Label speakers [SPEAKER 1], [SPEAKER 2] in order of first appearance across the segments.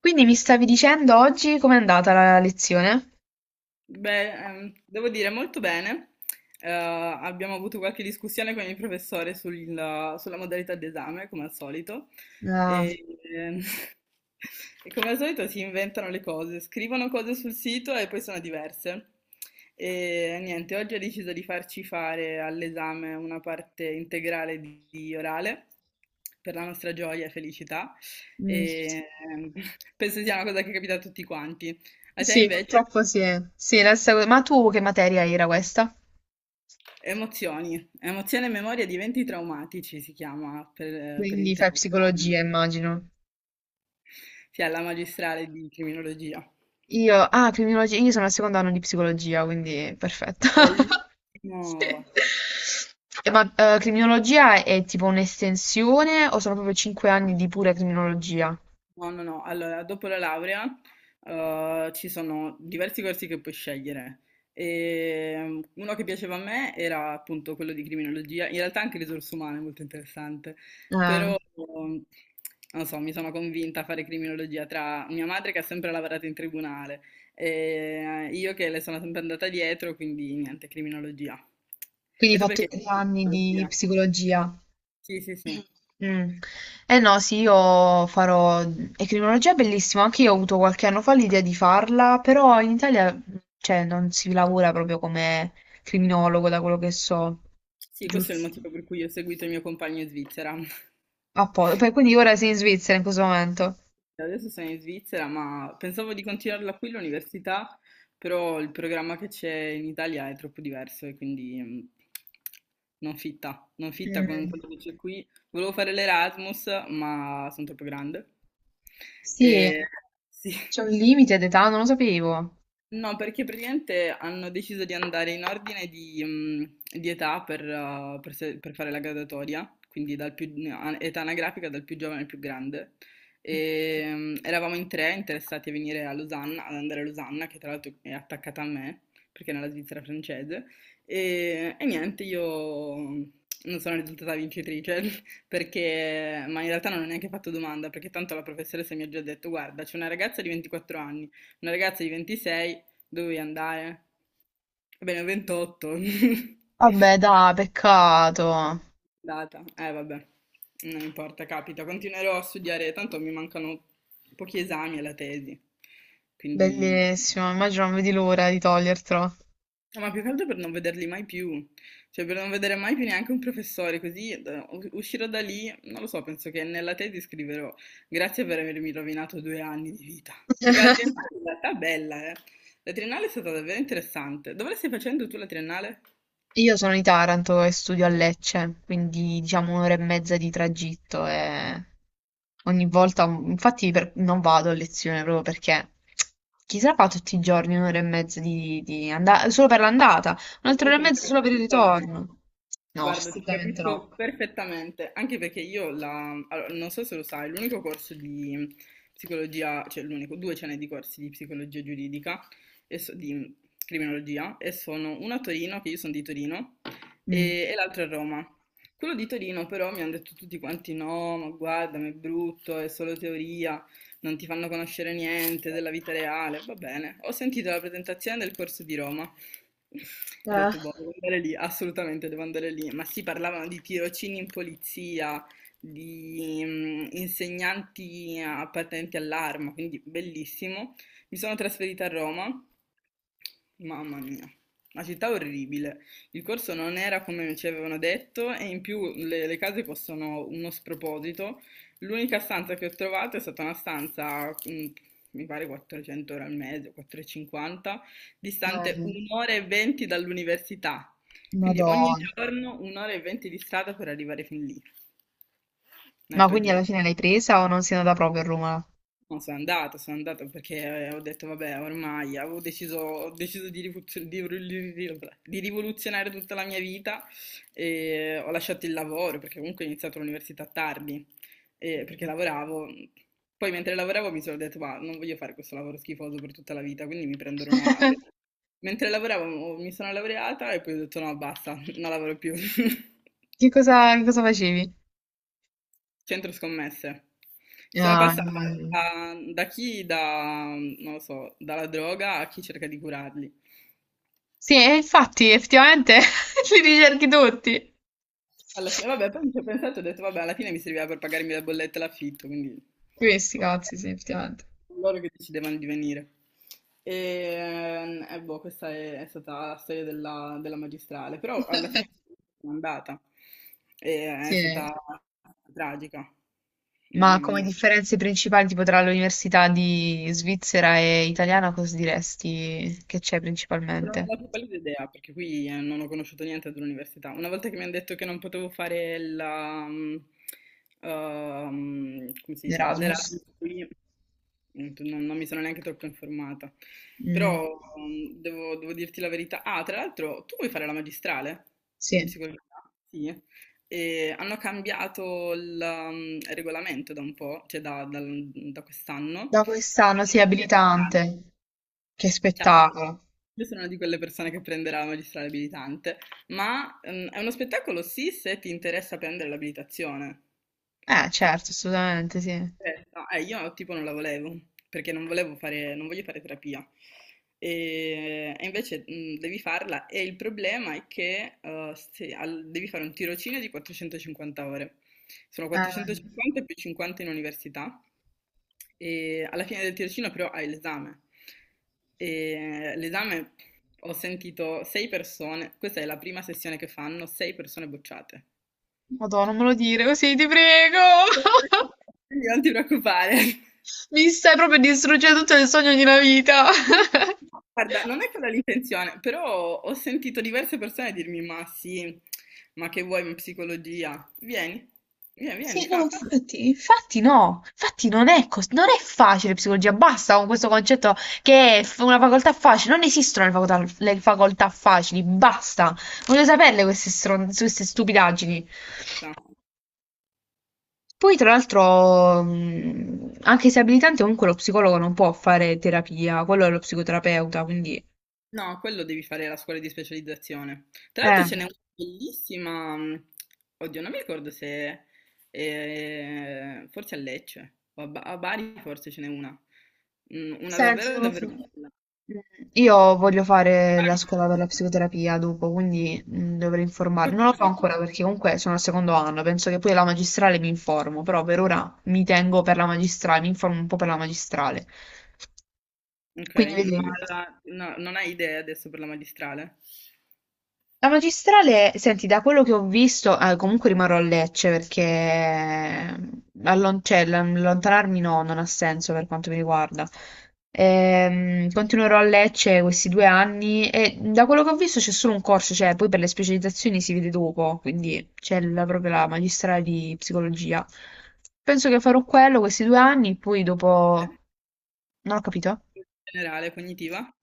[SPEAKER 1] Quindi mi stavi dicendo oggi com'è andata la lezione?
[SPEAKER 2] Beh, devo dire molto bene. Abbiamo avuto qualche discussione con il professore sulla modalità d'esame, come al solito.
[SPEAKER 1] Ah,
[SPEAKER 2] E, ehm, e come al solito si inventano le cose, scrivono cose sul sito e poi sono diverse. E niente, oggi ha deciso di farci fare all'esame una parte integrale di orale, per la nostra gioia e felicità.
[SPEAKER 1] mm.
[SPEAKER 2] E ehm, penso sia una cosa che capita a tutti quanti. A te
[SPEAKER 1] Sì,
[SPEAKER 2] invece?
[SPEAKER 1] purtroppo sì. Sì, la stessa cosa. Ma tu che materia era questa?
[SPEAKER 2] Emozioni, emozione e memoria di eventi traumatici si chiama per
[SPEAKER 1] Quindi fai
[SPEAKER 2] intero.
[SPEAKER 1] psicologia, immagino.
[SPEAKER 2] Sì, alla magistrale di criminologia.
[SPEAKER 1] Criminologia, io sono al secondo anno di psicologia, quindi perfetto. Sì.
[SPEAKER 2] Bellissimo.
[SPEAKER 1] Ma criminologia è tipo un'estensione o sono proprio cinque anni di pura criminologia?
[SPEAKER 2] No, no, no. Allora, dopo la laurea, ci sono diversi corsi che puoi scegliere. E, uno che piaceva a me era appunto quello di criminologia, in realtà anche risorse umane, molto interessante,
[SPEAKER 1] Ah,
[SPEAKER 2] però non so, mi sono convinta a fare criminologia tra mia madre che ha sempre lavorato in tribunale e io che le sono sempre andata dietro, quindi niente, criminologia.
[SPEAKER 1] quindi
[SPEAKER 2] E
[SPEAKER 1] hai
[SPEAKER 2] tu
[SPEAKER 1] fatto i
[SPEAKER 2] perché?
[SPEAKER 1] tre anni di
[SPEAKER 2] Criminologia.
[SPEAKER 1] psicologia.
[SPEAKER 2] Sì, sì, sì.
[SPEAKER 1] Mm. Eh no, sì, io farò... E criminologia è bellissima, anche io ho avuto qualche anno fa l'idea di farla, però in Italia, cioè, non si lavora proprio come criminologo, da quello che so,
[SPEAKER 2] Sì, questo è il
[SPEAKER 1] giusto?
[SPEAKER 2] motivo per cui ho seguito il mio compagno in Svizzera.
[SPEAKER 1] Poi, quindi ora sei in Svizzera in questo momento.
[SPEAKER 2] Adesso sono in Svizzera, ma pensavo di continuarla qui l'università, però il programma che c'è in Italia è troppo diverso e quindi non fitta con
[SPEAKER 1] Mm.
[SPEAKER 2] quello che c'è qui. Volevo fare l'Erasmus, ma sono troppo grande.
[SPEAKER 1] Sì,
[SPEAKER 2] E, sì.
[SPEAKER 1] c'è un limite d'età, non lo sapevo.
[SPEAKER 2] No, perché praticamente hanno deciso di andare in ordine di età per se- per fare la graduatoria, quindi dal più, età anagrafica dal più giovane al più grande.
[SPEAKER 1] Mm.
[SPEAKER 2] Eravamo in tre interessati a venire a Losanna, ad andare a Losanna, che tra l'altro è attaccata a me, perché è nella Svizzera francese. E niente, io non sono risultata vincitrice, ma in realtà non ho neanche fatto domanda, perché tanto la professoressa mi ha già detto, guarda, c'è una ragazza di 24 anni, una ragazza di 26. Dovevi andare. Va bene, 28.
[SPEAKER 1] Vabbè, dai, peccato.
[SPEAKER 2] Data. Vabbè. Non importa, capita. Continuerò a studiare, tanto mi mancano pochi esami alla tesi. Quindi.
[SPEAKER 1] Bellissimo, immagino non vedi l'ora di togliertelo.
[SPEAKER 2] No, ma più che altro per non vederli mai più, cioè per non vedere mai più neanche un professore, così uscirò da lì, non lo so, penso che nella tesi scriverò grazie per avermi rovinato 2 anni di vita, perché la triennale in realtà è bella, eh. La triennale è stata davvero interessante. Dove la stai facendo tu la triennale?
[SPEAKER 1] Io sono di Taranto e studio a Lecce, quindi diciamo un'ora e mezza di tragitto e ogni volta, non vado a lezione proprio perché chi se la fa tutti i giorni un'ora e mezza di andata, solo per l'andata, un'altra ora e
[SPEAKER 2] Quando
[SPEAKER 1] mezza
[SPEAKER 2] era
[SPEAKER 1] solo per il
[SPEAKER 2] di ritorno.
[SPEAKER 1] ritorno. No,
[SPEAKER 2] Guarda, ti
[SPEAKER 1] assolutamente no.
[SPEAKER 2] capisco perfettamente, anche perché io allora, non so se lo sai, l'unico corso di psicologia, cioè l'unico, due ce n'è di corsi di psicologia giuridica e di criminologia e sono uno a Torino, che io sono di Torino,
[SPEAKER 1] Mm.
[SPEAKER 2] e l'altro a Roma. Quello di Torino però mi hanno detto tutti quanti no, ma guarda, ma è brutto, è solo teoria, non ti fanno conoscere niente della vita reale. Va bene, ho sentito la presentazione del corso di Roma. Ho
[SPEAKER 1] Eh.
[SPEAKER 2] detto, boh, devo andare lì, assolutamente devo andare lì. Ma sì, parlavano di tirocini in polizia, di insegnanti appartenenti all'arma, quindi bellissimo. Mi sono trasferita a Roma, mamma mia, una città orribile. Il corso non era come ci avevano detto e in più le case costano uno sproposito. L'unica stanza che ho trovato è stata una stanza, mi pare 400 euro al mese, 450, distante
[SPEAKER 1] Mm.
[SPEAKER 2] un'ora e venti dall'università. Quindi ogni
[SPEAKER 1] Madonna.
[SPEAKER 2] giorno un'ora e venti di strada per arrivare fin lì. Una
[SPEAKER 1] Ma quindi
[SPEAKER 2] tragedia.
[SPEAKER 1] alla fine l'hai presa o non sei andata proprio a Roma?
[SPEAKER 2] No, sono andata perché ho detto vabbè, ormai avevo deciso, ho deciso di, rivoluzio- di rivoluzionare tutta la mia vita e ho lasciato il lavoro perché comunque ho iniziato l'università tardi e perché
[SPEAKER 1] Mm.
[SPEAKER 2] lavoravo. Poi mentre lavoravo mi sono detto ma non voglio fare questo lavoro schifoso per tutta la vita, quindi mi prendo una laurea. Mentre lavoravo mi sono laureata e poi ho detto no, basta, non lavoro più.
[SPEAKER 1] Che cosa facevi?
[SPEAKER 2] Centro scommesse. Sono
[SPEAKER 1] Ah,
[SPEAKER 2] passata
[SPEAKER 1] no.
[SPEAKER 2] da chi da, non lo so, dalla droga a chi cerca di curarli.
[SPEAKER 1] Sì, e infatti, effettivamente li ricerchi tutti.
[SPEAKER 2] Alla fine, vabbè, poi mi ci ho pensato e ho detto, vabbè, alla fine mi serviva per pagarmi la bolletta e l'affitto, quindi
[SPEAKER 1] Questi
[SPEAKER 2] ho
[SPEAKER 1] cazzi, sì,
[SPEAKER 2] pensato
[SPEAKER 1] effettivamente.
[SPEAKER 2] a loro che decidevano di venire. Boh, questa è stata la storia della magistrale, però alla fine sono andata e è stata
[SPEAKER 1] Sì.
[SPEAKER 2] tragica, mamma
[SPEAKER 1] Ma come
[SPEAKER 2] mia.
[SPEAKER 1] differenze principali, tipo tra l'università di Svizzera e italiana, cosa diresti che c'è
[SPEAKER 2] Non ho
[SPEAKER 1] principalmente?
[SPEAKER 2] la più pallida idea, perché qui non ho conosciuto niente dell'università. Una volta che mi hanno detto che non potevo fare come si dice?
[SPEAKER 1] L'Erasmus.
[SPEAKER 2] L'Erasmus qui, non mi sono neanche troppo informata.
[SPEAKER 1] Mm,
[SPEAKER 2] Però devo dirti la verità. Ah, tra l'altro, tu vuoi fare la magistrale in
[SPEAKER 1] sì.
[SPEAKER 2] psicologia? Sì. E hanno cambiato il regolamento da un po', cioè da quest'anno.
[SPEAKER 1] Da quest'anno, sì, abilitante. Che
[SPEAKER 2] Ciao.
[SPEAKER 1] spettacolo.
[SPEAKER 2] Io sono una di quelle persone che prenderà la magistrale abilitante, ma è uno spettacolo sì se ti interessa prendere l'abilitazione. Ti
[SPEAKER 1] Certo, assolutamente, sì.
[SPEAKER 2] interessa? Io tipo non la volevo, perché non volevo fare, non voglio fare terapia. E invece devi farla e il problema è che se al- devi fare un tirocinio di 450 ore. Sono 450 più 50 in università e alla fine del tirocinio però hai l'esame. E l'esame ho sentito sei persone, questa è la prima sessione che fanno, sei persone bocciate.
[SPEAKER 1] Madonna, non me lo dire così, ti prego.
[SPEAKER 2] Quindi non ti preoccupare.
[SPEAKER 1] Mi stai proprio distruggendo tutto il sogno di una vita.
[SPEAKER 2] Guarda, non è quella l'intenzione, però ho sentito diverse persone dirmi: ma sì, ma che vuoi in psicologia? Vieni, vieni, vieni,
[SPEAKER 1] Sì, no,
[SPEAKER 2] fa,
[SPEAKER 1] infatti no, infatti non è, cos- non è facile psicologia, basta con questo concetto che è una facoltà facile, non esistono le facoltà facili, basta, voglio saperle queste, queste stupidaggini.
[SPEAKER 2] fa.
[SPEAKER 1] Poi tra l'altro, anche se è abilitante, comunque lo psicologo non può fare terapia, quello è lo psicoterapeuta, quindi...
[SPEAKER 2] No, quello devi fare la scuola di specializzazione. Tra l'altro
[SPEAKER 1] Eh.
[SPEAKER 2] ce n'è una bellissima, oddio, non mi ricordo se forse a Lecce o a Bari forse ce n'è una. Mm. Una
[SPEAKER 1] Senti,
[SPEAKER 2] davvero
[SPEAKER 1] non lo so.
[SPEAKER 2] davvero bella.
[SPEAKER 1] Io voglio fare la scuola per la
[SPEAKER 2] Aragonata.
[SPEAKER 1] psicoterapia dopo, quindi dovrei informarmi.
[SPEAKER 2] Quattro
[SPEAKER 1] Non lo so
[SPEAKER 2] anni.
[SPEAKER 1] ancora perché comunque sono al secondo anno, penso che poi alla magistrale mi informo, però per ora mi tengo per la magistrale, mi informo un po' per la magistrale.
[SPEAKER 2] Ok,
[SPEAKER 1] Quindi
[SPEAKER 2] ma
[SPEAKER 1] vedi.
[SPEAKER 2] no, non hai idee adesso per la magistrale?
[SPEAKER 1] La magistrale, senti, da quello che ho visto, ah, comunque rimarrò a Lecce perché allontanarmi no, non ha senso per quanto mi riguarda. Continuerò a Lecce questi due anni e da quello che ho visto c'è solo un corso, cioè poi per le specializzazioni si vede dopo, quindi proprio la magistrale di psicologia. Penso che farò quello questi due anni, poi
[SPEAKER 2] Eh?
[SPEAKER 1] dopo... Non ho capito.
[SPEAKER 2] Generale, cognitiva?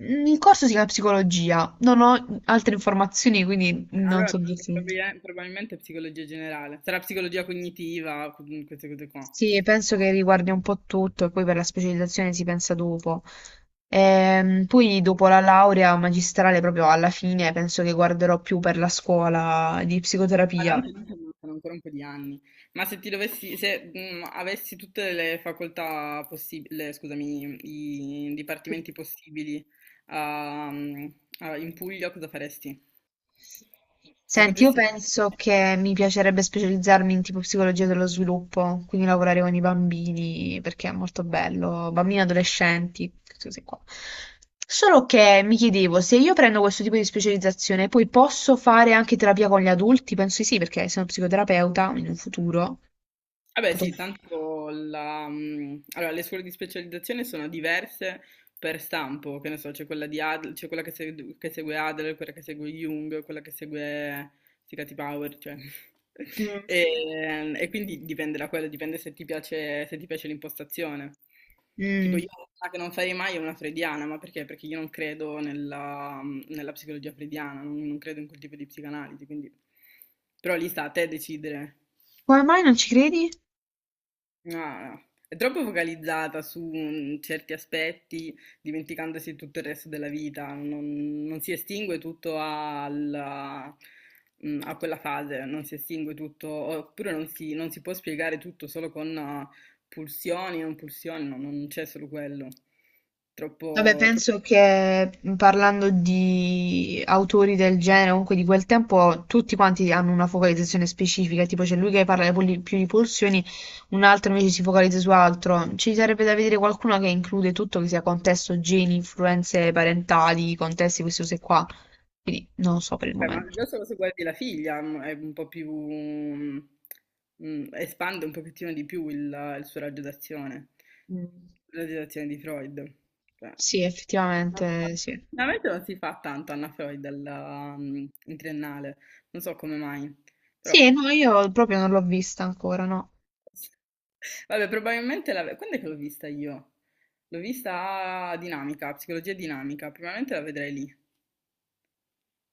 [SPEAKER 1] Il corso si chiama psicologia, non ho altre informazioni, quindi non
[SPEAKER 2] Allora,
[SPEAKER 1] so dirti.
[SPEAKER 2] probabilmente psicologia generale. Sarà psicologia cognitiva, queste cose qua.
[SPEAKER 1] Sì, penso che riguardi un po' tutto e poi per la specializzazione si pensa dopo. Poi dopo la laurea magistrale, proprio alla fine, penso che guarderò più per la scuola di
[SPEAKER 2] Ma
[SPEAKER 1] psicoterapia.
[SPEAKER 2] tanto lì ci mancano ancora un po' di anni. Ma se ti dovessi, se avessi tutte le facoltà possibili, scusami, i dipartimenti possibili ah, mm, in Puglia, cosa faresti? Se
[SPEAKER 1] Senti, io
[SPEAKER 2] potessi.
[SPEAKER 1] penso che mi piacerebbe specializzarmi in tipo psicologia dello sviluppo, quindi lavorare con i bambini, perché è molto bello, bambini e adolescenti, queste cose qua. Solo che mi chiedevo, se io prendo questo tipo di specializzazione, poi posso fare anche terapia con gli adulti? Penso di sì, perché sono psicoterapeuta in un futuro.
[SPEAKER 2] Vabbè
[SPEAKER 1] potrò-
[SPEAKER 2] sì, tanto allora, le scuole di specializzazione sono diverse per stampo, che ne so, c'è quella di Adler, c'è quella che segue Adler, quella che segue Jung, quella che segue Sicati Power, cioè.
[SPEAKER 1] Mm.
[SPEAKER 2] E, e quindi dipende da quello, dipende se ti piace, se ti piace l'impostazione. Tipo io
[SPEAKER 1] Mm.
[SPEAKER 2] una che non farei mai è una freudiana, ma perché? Perché io non credo nella psicologia freudiana, non credo in quel tipo di psicanalisi, quindi. Però lì sta a te decidere.
[SPEAKER 1] Come mai non ci credi?
[SPEAKER 2] No, no. È troppo focalizzata su certi aspetti, dimenticandosi tutto il resto della vita, non si estingue tutto a quella fase, non si estingue tutto, oppure non si può spiegare tutto solo con pulsioni, non pulsioni, no, non c'è solo quello.
[SPEAKER 1] Vabbè,
[SPEAKER 2] Troppo, è troppo.
[SPEAKER 1] penso che parlando di autori del genere, comunque di quel tempo, tutti quanti hanno una focalizzazione specifica, tipo c'è lui che parla di più di pulsioni, un altro invece si focalizza su altro. Ci sarebbe da vedere qualcuno che include tutto, che sia contesto, geni, influenze parentali, contesti, queste cose qua. Quindi non lo so per il
[SPEAKER 2] Beh, ma
[SPEAKER 1] momento.
[SPEAKER 2] già solo se guardi la figlia è un po' più, espande un pochettino di più il suo raggio d'azione,
[SPEAKER 1] Mm.
[SPEAKER 2] la raggio d'azione di Freud. Cioè,
[SPEAKER 1] Sì,
[SPEAKER 2] non so.
[SPEAKER 1] effettivamente sì.
[SPEAKER 2] Veramente non si fa tanto Anna Freud in triennale, non so come mai, però
[SPEAKER 1] Sì, no, io proprio non l'ho vista ancora, no.
[SPEAKER 2] vabbè, probabilmente quando è che l'ho vista io? L'ho vista a dinamica, psicologia dinamica, probabilmente la vedrei lì.